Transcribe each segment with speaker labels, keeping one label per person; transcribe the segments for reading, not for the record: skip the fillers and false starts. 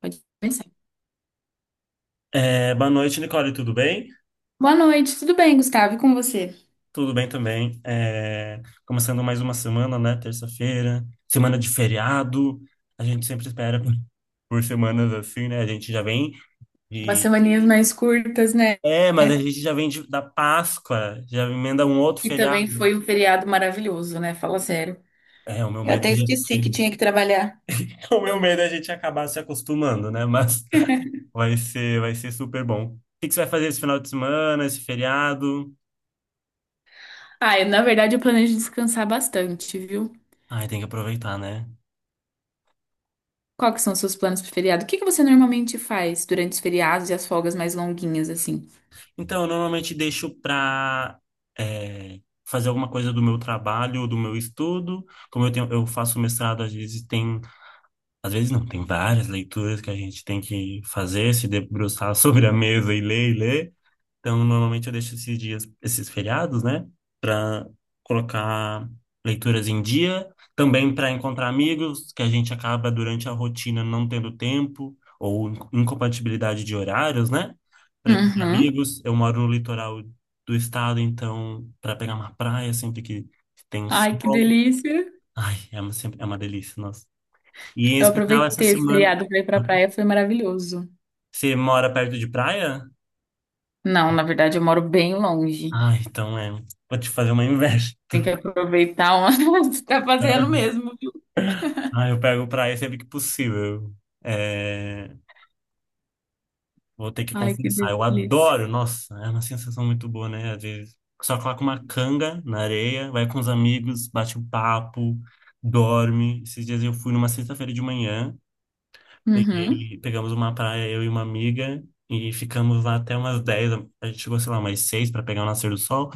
Speaker 1: Pode começar.
Speaker 2: É, boa noite, Nicole, tudo bem?
Speaker 1: Boa noite, tudo bem, Gustavo? E com você?
Speaker 2: Tudo bem também. É, começando mais uma semana, né? Terça-feira, semana de feriado. A gente sempre espera por semanas assim, né? A gente já vem
Speaker 1: Umas
Speaker 2: de.
Speaker 1: semaninhas mais curtas, né?
Speaker 2: É, mas a gente já vem da Páscoa, já emenda um outro
Speaker 1: Que também
Speaker 2: feriado.
Speaker 1: foi um feriado maravilhoso, né? Fala sério.
Speaker 2: É, o meu
Speaker 1: Eu
Speaker 2: medo
Speaker 1: até
Speaker 2: é a gente,
Speaker 1: esqueci que tinha que trabalhar.
Speaker 2: o meu medo é a gente acabar se acostumando, né? Mas vai ser super bom. O que que você vai fazer esse final de semana, esse feriado?
Speaker 1: Ah, eu, na verdade, eu planejo descansar bastante, viu?
Speaker 2: Ai, tem que aproveitar, né?
Speaker 1: Qual que são os seus planos pro feriado? O que que você normalmente faz durante os feriados e as folgas mais longuinhas, assim?
Speaker 2: Então, eu normalmente deixo para fazer alguma coisa do meu trabalho, ou do meu estudo. Como eu tenho, eu faço mestrado, às vezes tem, às vezes não, tem várias leituras que a gente tem que fazer, se debruçar sobre a mesa e ler e ler. Então, normalmente eu deixo esses dias, esses feriados, né, para colocar leituras em dia, também para encontrar amigos que a gente acaba durante a rotina não tendo tempo ou incompatibilidade de horários, né? Para encontrar
Speaker 1: Uhum.
Speaker 2: amigos, eu moro no litoral do estado, então para pegar uma praia sempre que tem um
Speaker 1: Ai, que
Speaker 2: sol,
Speaker 1: delícia!
Speaker 2: ai, é uma delícia, nossa. E em
Speaker 1: Eu
Speaker 2: especial essa
Speaker 1: aproveitei esse
Speaker 2: semana,
Speaker 1: feriado pra ir pra praia, foi maravilhoso.
Speaker 2: você mora perto de praia?
Speaker 1: Não, na verdade, eu moro bem longe.
Speaker 2: Ah, então é, vou te fazer uma inveja.
Speaker 1: Tem que aproveitar onde tá fazendo mesmo.
Speaker 2: Ah, eu pego praia sempre que possível. É, vou ter que
Speaker 1: Ai, que
Speaker 2: confessar. Eu
Speaker 1: delícia.
Speaker 2: adoro, nossa, é uma sensação muito boa, né? Às vezes só coloca uma canga na areia, vai com os amigos, bate um papo, dorme. Esses dias eu fui numa sexta-feira de manhã,
Speaker 1: Uhum.
Speaker 2: pegamos uma praia, eu e uma amiga, e ficamos lá até umas dez. A gente chegou, sei lá, umas 6 para pegar o nascer do sol.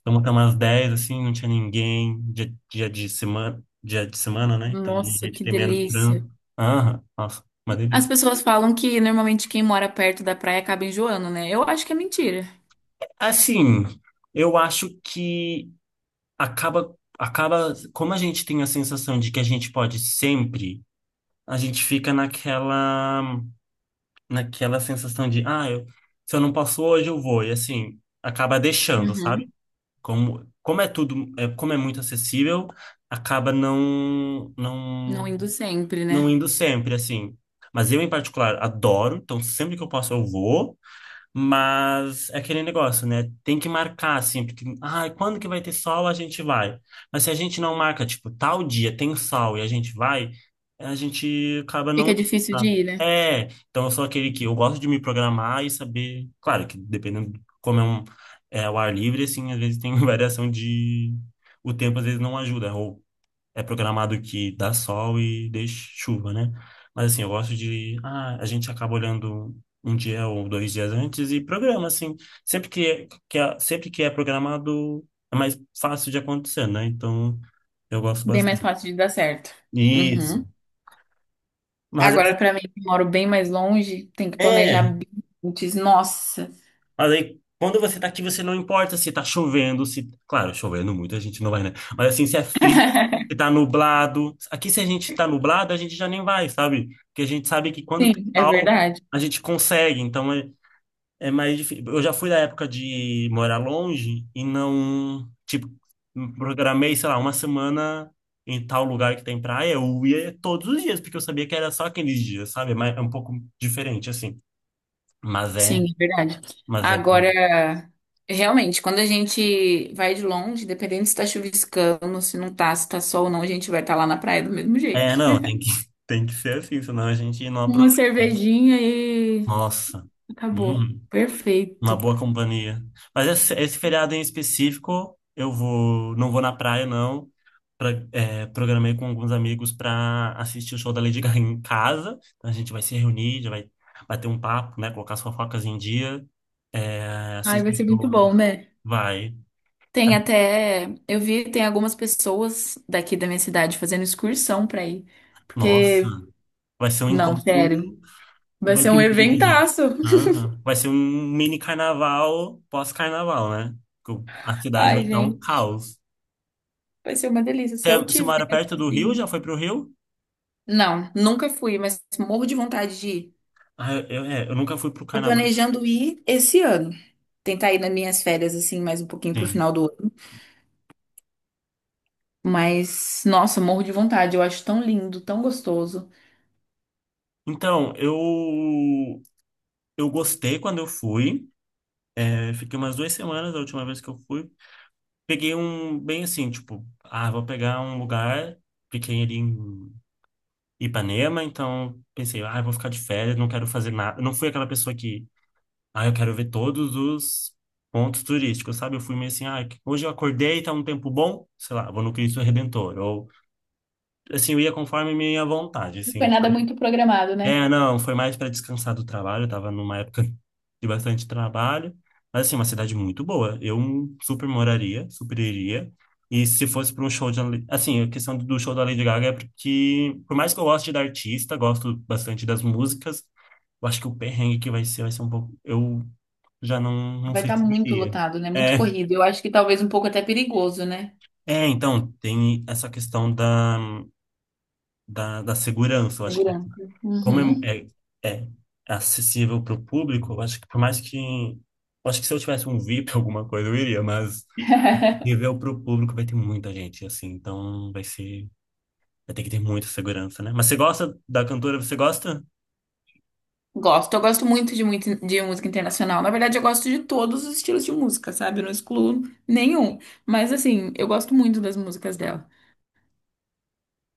Speaker 2: Então, até umas 10 assim, não tinha ninguém. Dia de semana, né? Então,
Speaker 1: Nossa,
Speaker 2: normalmente
Speaker 1: que
Speaker 2: tem menos
Speaker 1: delícia.
Speaker 2: trânsito. Aham, nossa, uma
Speaker 1: As
Speaker 2: delícia.
Speaker 1: pessoas falam que normalmente quem mora perto da praia acaba enjoando, né? Eu acho que é mentira.
Speaker 2: Assim, eu acho que acaba, como a gente tem a sensação de que a gente pode sempre, a gente fica naquela sensação de, se eu não posso hoje, eu vou. E assim, acaba deixando, sabe?
Speaker 1: Uhum.
Speaker 2: Como é tudo, como é muito acessível, acaba não,
Speaker 1: Não
Speaker 2: não
Speaker 1: indo sempre,
Speaker 2: não
Speaker 1: né?
Speaker 2: indo sempre, assim. Mas eu, em particular, adoro, então sempre que eu posso eu vou. Mas é aquele negócio, né? Tem que marcar, assim, porque, ah, quando que vai ter sol, a gente vai. Mas se a gente não marca, tipo, tal dia tem sol e a gente vai, a gente acaba não
Speaker 1: Fica
Speaker 2: indo,
Speaker 1: difícil de
Speaker 2: sabe?
Speaker 1: ir, né?
Speaker 2: É, então eu sou aquele que eu gosto de me programar e saber. Claro que dependendo de como é, é o ar livre, assim, às vezes tem variação de. O tempo às vezes não ajuda, ou é programado que dá sol e deixa chuva, né? Mas assim, eu gosto de. Ah, a gente acaba olhando um dia ou dois dias antes e programa, assim. Sempre que sempre que é programado, é mais fácil de acontecer, né? Então, eu gosto
Speaker 1: Bem mais
Speaker 2: bastante.
Speaker 1: fácil de dar certo.
Speaker 2: Isso.
Speaker 1: Uhum.
Speaker 2: Mas assim,
Speaker 1: Agora, pra mim, que moro bem mais longe, tem que planejar
Speaker 2: é.
Speaker 1: bem antes. Nossa.
Speaker 2: Mas aí, quando você tá aqui, você não importa se tá chovendo, se... Claro, chovendo muito, a gente não vai, né? Mas assim, se é frio, se tá nublado... Aqui, se a gente tá nublado, a gente já nem vai, sabe? Porque a gente sabe que quando tem
Speaker 1: Sim, é
Speaker 2: sol,
Speaker 1: verdade.
Speaker 2: a gente consegue. Então, é mais difícil. Eu já fui da época de morar longe e não... Tipo, programei, sei lá, uma semana em tal lugar que tem praia. Eu ia todos os dias, porque eu sabia que era só aqueles dias, sabe? Mas é um pouco diferente, assim. Mas é...
Speaker 1: Sim, é verdade.
Speaker 2: Mas é...
Speaker 1: Agora, realmente, quando a gente vai de longe, dependendo se tá chuviscando, se não tá, se tá sol ou não, a gente vai estar lá na praia do mesmo jeito.
Speaker 2: É, não, tem que, tem que ser assim, senão a gente não
Speaker 1: Uma
Speaker 2: aproveita.
Speaker 1: cervejinha e
Speaker 2: Nossa,
Speaker 1: acabou.
Speaker 2: hum, uma
Speaker 1: Perfeito.
Speaker 2: boa companhia. Mas esse feriado em específico, não vou na praia, não. Programei com alguns amigos para assistir o show da Lady Gaga em casa. Então a gente vai se reunir, já vai bater um papo, né? Colocar as fofocas em dia. É,
Speaker 1: Ai, vai
Speaker 2: assistir
Speaker 1: ser
Speaker 2: o
Speaker 1: muito
Speaker 2: show.
Speaker 1: bom, né?
Speaker 2: Vai.
Speaker 1: Tem até, eu vi, tem algumas pessoas daqui da minha cidade fazendo excursão pra ir.
Speaker 2: Nossa,
Speaker 1: Porque,
Speaker 2: vai ser um
Speaker 1: não,
Speaker 2: encontro.
Speaker 1: sério, vai
Speaker 2: Vai
Speaker 1: ser
Speaker 2: ter
Speaker 1: um
Speaker 2: muita gente.
Speaker 1: eventaço.
Speaker 2: Aham. Vai ser um mini carnaval pós-carnaval, né? A cidade vai
Speaker 1: Ai,
Speaker 2: estar um
Speaker 1: gente,
Speaker 2: caos.
Speaker 1: vai ser uma delícia. Se
Speaker 2: É,
Speaker 1: eu
Speaker 2: você
Speaker 1: tiver,
Speaker 2: mora perto do Rio? Já
Speaker 1: assim,
Speaker 2: foi pro Rio?
Speaker 1: não, nunca fui, mas morro de vontade de ir.
Speaker 2: Ah, eu nunca fui pro
Speaker 1: Tô
Speaker 2: carnaval.
Speaker 1: planejando ir esse ano. Tentar ir nas minhas férias, assim, mais um pouquinho pro
Speaker 2: Sim.
Speaker 1: final do ano. Mas, nossa, morro de vontade. Eu acho tão lindo, tão gostoso.
Speaker 2: Então, eu gostei quando eu fui. É, fiquei umas 2 semanas da última vez que eu fui. Peguei um, bem assim, tipo, ah, vou pegar um lugar. Fiquei ali em Ipanema, então pensei, ah, vou ficar de férias, não quero fazer nada. Eu não fui aquela pessoa que, ah, eu quero ver todos os pontos turísticos, sabe? Eu fui meio assim, ah, hoje eu acordei, tá um tempo bom, sei lá, vou no Cristo Redentor. Ou, assim, eu ia conforme minha vontade,
Speaker 1: Não foi
Speaker 2: assim,
Speaker 1: nada
Speaker 2: sabe?
Speaker 1: muito programado, né?
Speaker 2: É, não, foi mais para descansar do trabalho, eu tava numa época de bastante trabalho. Mas, assim, uma cidade muito boa. Eu super moraria, super iria. E se fosse para um show de... Assim, a questão do show da Lady Gaga é porque, por mais que eu goste da artista, gosto bastante das músicas, eu acho que o perrengue que vai ser um pouco. Eu já não
Speaker 1: Vai
Speaker 2: sei
Speaker 1: estar
Speaker 2: se
Speaker 1: muito
Speaker 2: iria.
Speaker 1: lotado, né? Muito
Speaker 2: É,
Speaker 1: corrido. Eu acho que talvez um pouco até perigoso, né?
Speaker 2: então, tem essa questão da segurança. Eu acho que,
Speaker 1: Segurança.
Speaker 2: como
Speaker 1: Uhum.
Speaker 2: é acessível para o público, eu acho que, por mais que. Eu acho que se eu tivesse um VIP, alguma coisa, eu iria, mas nível para o público vai ter muita gente, assim, então vai ser. Vai ter que ter muita segurança, né? Mas você gosta da cantora? Você gosta?
Speaker 1: Gosto. Eu gosto muito de música internacional. Na verdade, eu gosto de todos os estilos de música, sabe? Eu não excluo nenhum. Mas, assim, eu gosto muito das músicas dela.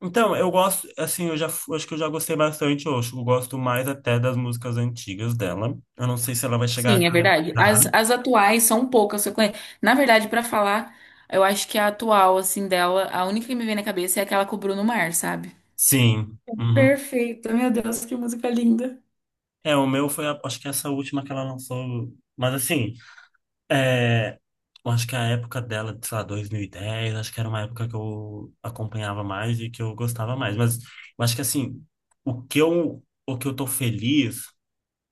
Speaker 2: Então, eu gosto, assim, eu já acho que eu já gostei bastante, eu acho que eu gosto mais até das músicas antigas dela. Eu não sei se ela vai chegar a
Speaker 1: Sim, é verdade.
Speaker 2: cantar.
Speaker 1: As atuais são poucas que eu conheço. Na verdade, pra falar, eu acho que a atual, assim, dela, a única que me vem na cabeça é aquela com o Bruno Mars, sabe?
Speaker 2: Sim. Uhum.
Speaker 1: Perfeito, meu Deus, que música linda.
Speaker 2: É, o meu foi, acho que essa última que ela lançou. Mas assim, é, eu acho que a época dela, sei lá, 2010 acho que era uma época que eu acompanhava mais e que eu gostava mais. Mas eu acho que assim, o que eu tô feliz,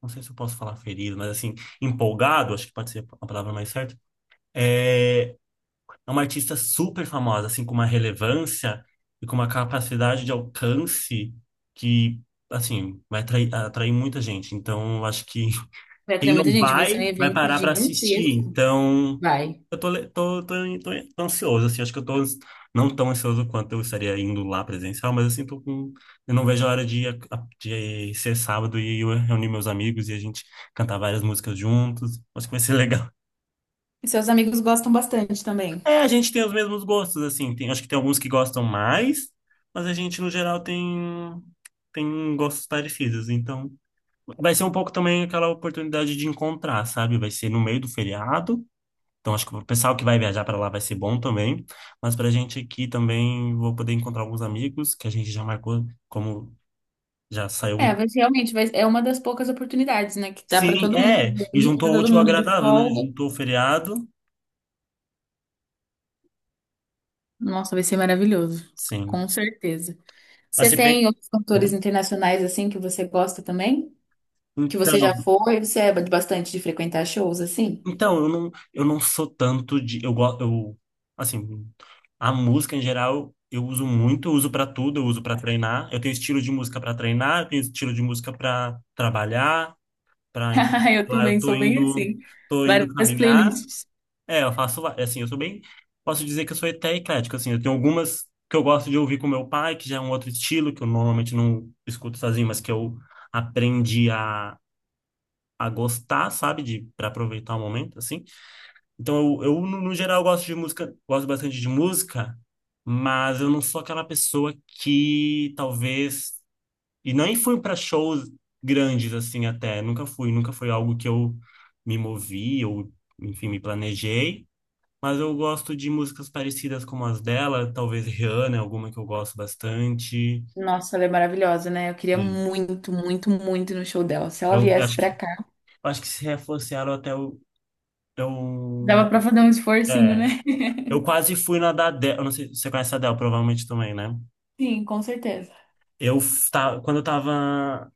Speaker 2: não sei se eu posso falar feliz, mas assim, empolgado, acho que pode ser a palavra mais certa, é é uma artista super famosa, assim, com uma relevância e com uma capacidade de alcance que, assim, vai atrair muita gente. Então, eu acho que
Speaker 1: Vai ter
Speaker 2: quem
Speaker 1: muita
Speaker 2: não
Speaker 1: gente, vai ser um
Speaker 2: vai, vai
Speaker 1: evento
Speaker 2: parar para assistir.
Speaker 1: gigantesco.
Speaker 2: Então,
Speaker 1: Vai.
Speaker 2: eu tô, le- tô, tô, tô, tô ansioso, assim, acho que eu tô ans- não tão ansioso quanto eu estaria indo lá presencial, mas, assim, tô com... Eu não vejo a hora de, de ser sábado e eu reunir meus amigos e a gente cantar várias músicas juntos. Acho que vai ser legal.
Speaker 1: E seus amigos gostam bastante também.
Speaker 2: É, a gente tem os mesmos gostos, assim. Tem, acho que tem alguns que gostam mais, mas a gente, no geral, tem gostos parecidos. Então, vai ser um pouco também aquela oportunidade de encontrar, sabe? Vai ser no meio do feriado. Então, acho que o pessoal que vai viajar para lá vai ser bom também. Mas pra gente aqui também, vou poder encontrar alguns amigos que a gente já marcou, como já saiu
Speaker 1: É,
Speaker 2: um.
Speaker 1: vai ser- realmente vai, é uma das poucas oportunidades, né? Que dá pra
Speaker 2: Sim,
Speaker 1: todo mundo se
Speaker 2: é. E
Speaker 1: reunir, tá
Speaker 2: juntou o
Speaker 1: todo
Speaker 2: útil ao
Speaker 1: mundo de
Speaker 2: agradável, né?
Speaker 1: folga.
Speaker 2: Juntou o feriado.
Speaker 1: Nossa, vai ser maravilhoso.
Speaker 2: Sim.
Speaker 1: Com certeza.
Speaker 2: Mas
Speaker 1: Você
Speaker 2: se bem.
Speaker 1: tem outros
Speaker 2: Opa.
Speaker 1: cantores internacionais, assim, que você gosta também? Que você
Speaker 2: Então.
Speaker 1: já foi, você é bastante de frequentar shows assim?
Speaker 2: Então, eu não sou tanto de. Eu, assim, a música em geral eu uso muito, eu uso pra tudo, eu uso pra treinar. Eu tenho estilo de música pra treinar, eu tenho estilo de música pra trabalhar, para
Speaker 1: Eu
Speaker 2: lá
Speaker 1: também sou bem assim.
Speaker 2: tô indo
Speaker 1: Várias
Speaker 2: caminhar.
Speaker 1: playlists.
Speaker 2: É, eu assim, eu sou bem, posso dizer que eu sou até eclético, assim, eu tenho algumas que eu gosto de ouvir com meu pai, que já é um outro estilo que eu normalmente não escuto sozinho, mas que eu aprendi a gostar, sabe, de para aproveitar o momento, assim. Então, eu no, no geral, gosto de música, gosto bastante de música, mas eu não sou aquela pessoa que talvez. E nem fui para shows grandes, assim, até. Nunca fui, nunca foi algo que eu me movi ou, enfim, me planejei. Mas eu gosto de músicas parecidas como as dela, talvez Rihanna, é alguma que eu gosto bastante.
Speaker 1: Nossa, ela é maravilhosa, né? Eu queria
Speaker 2: Sim.
Speaker 1: muito, muito, muito ir no show dela. Se ela
Speaker 2: Eu
Speaker 1: viesse
Speaker 2: acho
Speaker 1: pra
Speaker 2: que,
Speaker 1: cá.
Speaker 2: eu acho que se reforçaram até o. Eu,
Speaker 1: Dava pra fazer um esforcinho,
Speaker 2: é.
Speaker 1: né?
Speaker 2: Eu quase fui na da Adele. Eu não sei se você conhece a Adele, provavelmente também, né?
Speaker 1: Sim, com certeza.
Speaker 2: Quando eu estava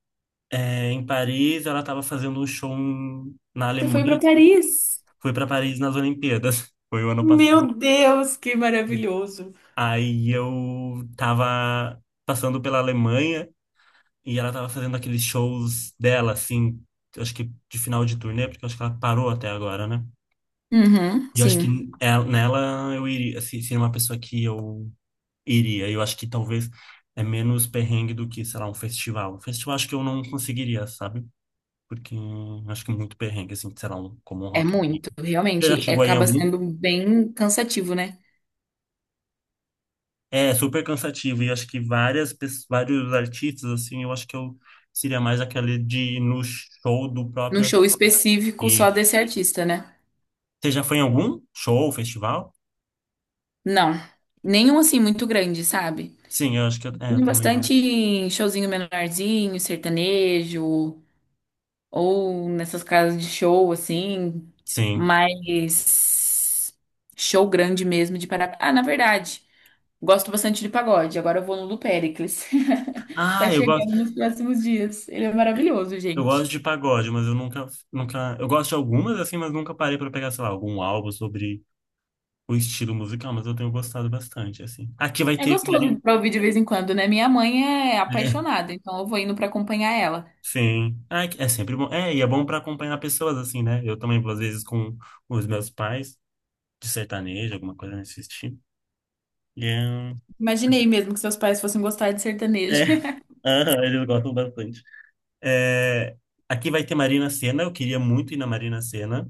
Speaker 2: em Paris, ela estava fazendo um show na
Speaker 1: Você foi
Speaker 2: Alemanha,
Speaker 1: pra
Speaker 2: assim.
Speaker 1: Paris?
Speaker 2: Fui para Paris nas Olimpíadas. Foi o ano passado.
Speaker 1: Meu Deus, que maravilhoso.
Speaker 2: Aí eu estava passando pela Alemanha e ela estava fazendo aqueles shows dela, assim, eu acho que de final de turnê, porque eu acho que ela parou até agora, né?
Speaker 1: Uhum,
Speaker 2: E eu acho que
Speaker 1: sim.
Speaker 2: nela eu iria, assim, seria uma pessoa que eu iria. Eu acho que talvez é menos perrengue do que, sei lá, um festival. Um festival acho que eu não conseguiria, sabe? Porque acho que é muito perrengue, assim, sei lá, como um
Speaker 1: É
Speaker 2: Rock in Rio.
Speaker 1: muito,
Speaker 2: Você já
Speaker 1: realmente. É-
Speaker 2: chegou aí em
Speaker 1: Acaba
Speaker 2: algum?
Speaker 1: sendo bem cansativo, né?
Speaker 2: É super cansativo. E acho que vários artistas, assim, eu acho que eu seria mais aquele de ir no show do
Speaker 1: Num
Speaker 2: próprio
Speaker 1: show específico só
Speaker 2: artista.
Speaker 1: desse artista, né?
Speaker 2: Você já foi em algum show, festival?
Speaker 1: Não. Nenhum assim muito grande, sabe?
Speaker 2: Sim, eu acho que eu também não.
Speaker 1: Bastante showzinho menorzinho, sertanejo, ou nessas casas de show, assim,
Speaker 2: Sim.
Speaker 1: mas show grande mesmo de para. Ah, na verdade, gosto bastante de pagode. Agora eu vou no do Péricles. Tá
Speaker 2: Ah,
Speaker 1: chegando nos próximos dias. Ele é maravilhoso,
Speaker 2: eu
Speaker 1: gente.
Speaker 2: gosto de pagode, mas eu nunca, nunca. Eu gosto de algumas, assim, mas nunca parei para pegar, sei lá, algum álbum sobre o estilo musical, mas eu tenho gostado bastante, assim. Aqui vai
Speaker 1: É
Speaker 2: ter.
Speaker 1: gostoso pra ouvir de vez em quando, né? Minha mãe é
Speaker 2: É,
Speaker 1: apaixonada, então eu vou indo pra acompanhar ela.
Speaker 2: sim. Ah, é sempre bom. É, e é bom para acompanhar pessoas assim, né? Eu também vou às vezes com os meus pais de sertanejo, alguma coisa nesse estilo. E é, um,
Speaker 1: Imaginei mesmo que seus pais fossem gostar de
Speaker 2: é,
Speaker 1: sertanejo.
Speaker 2: aham, eles gostam bastante. É, aqui vai ter Marina Sena, eu queria muito ir na Marina Sena,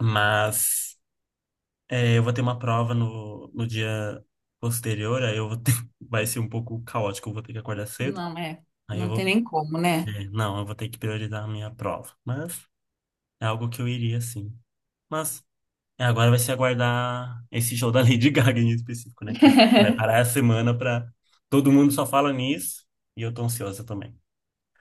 Speaker 2: mas é, eu vou ter uma prova no dia posterior, aí eu vou ter, vai ser um pouco caótico, eu vou ter que acordar cedo.
Speaker 1: Não, é.
Speaker 2: Aí eu
Speaker 1: Não tem
Speaker 2: vou,
Speaker 1: nem como, né?
Speaker 2: é, não, eu vou ter que priorizar a minha prova, mas é algo que eu iria sim. Mas é, agora vai se aguardar esse show da Lady Gaga em específico, né? Que a gente vai parar a semana pra. Todo mundo só fala nisso e eu tô ansiosa também.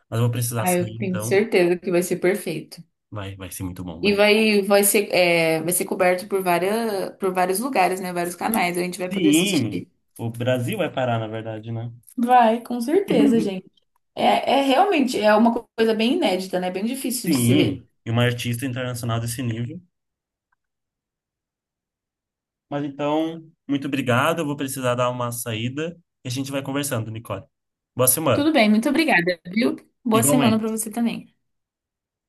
Speaker 2: Mas eu vou precisar
Speaker 1: Ah, eu
Speaker 2: sair,
Speaker 1: tenho
Speaker 2: então
Speaker 1: certeza que vai ser perfeito.
Speaker 2: vai ser muito bom.
Speaker 1: E
Speaker 2: Vai.
Speaker 1: vai, vai ser, é, vai ser coberto por várias, por vários lugares, né? Vários canais, a gente vai poder
Speaker 2: Sim,
Speaker 1: assistir.
Speaker 2: o Brasil vai parar, na verdade, né?
Speaker 1: Vai, com certeza, gente. É, é realmente é uma co- coisa bem inédita, né? Bem difícil de se ver.
Speaker 2: Sim, e uma artista internacional desse nível. Mas então, muito obrigado. Eu vou precisar dar uma saída e a gente vai conversando, Nicole. Boa semana.
Speaker 1: Tudo bem, muito obrigada, viu? Boa semana para
Speaker 2: Igualmente.
Speaker 1: você também.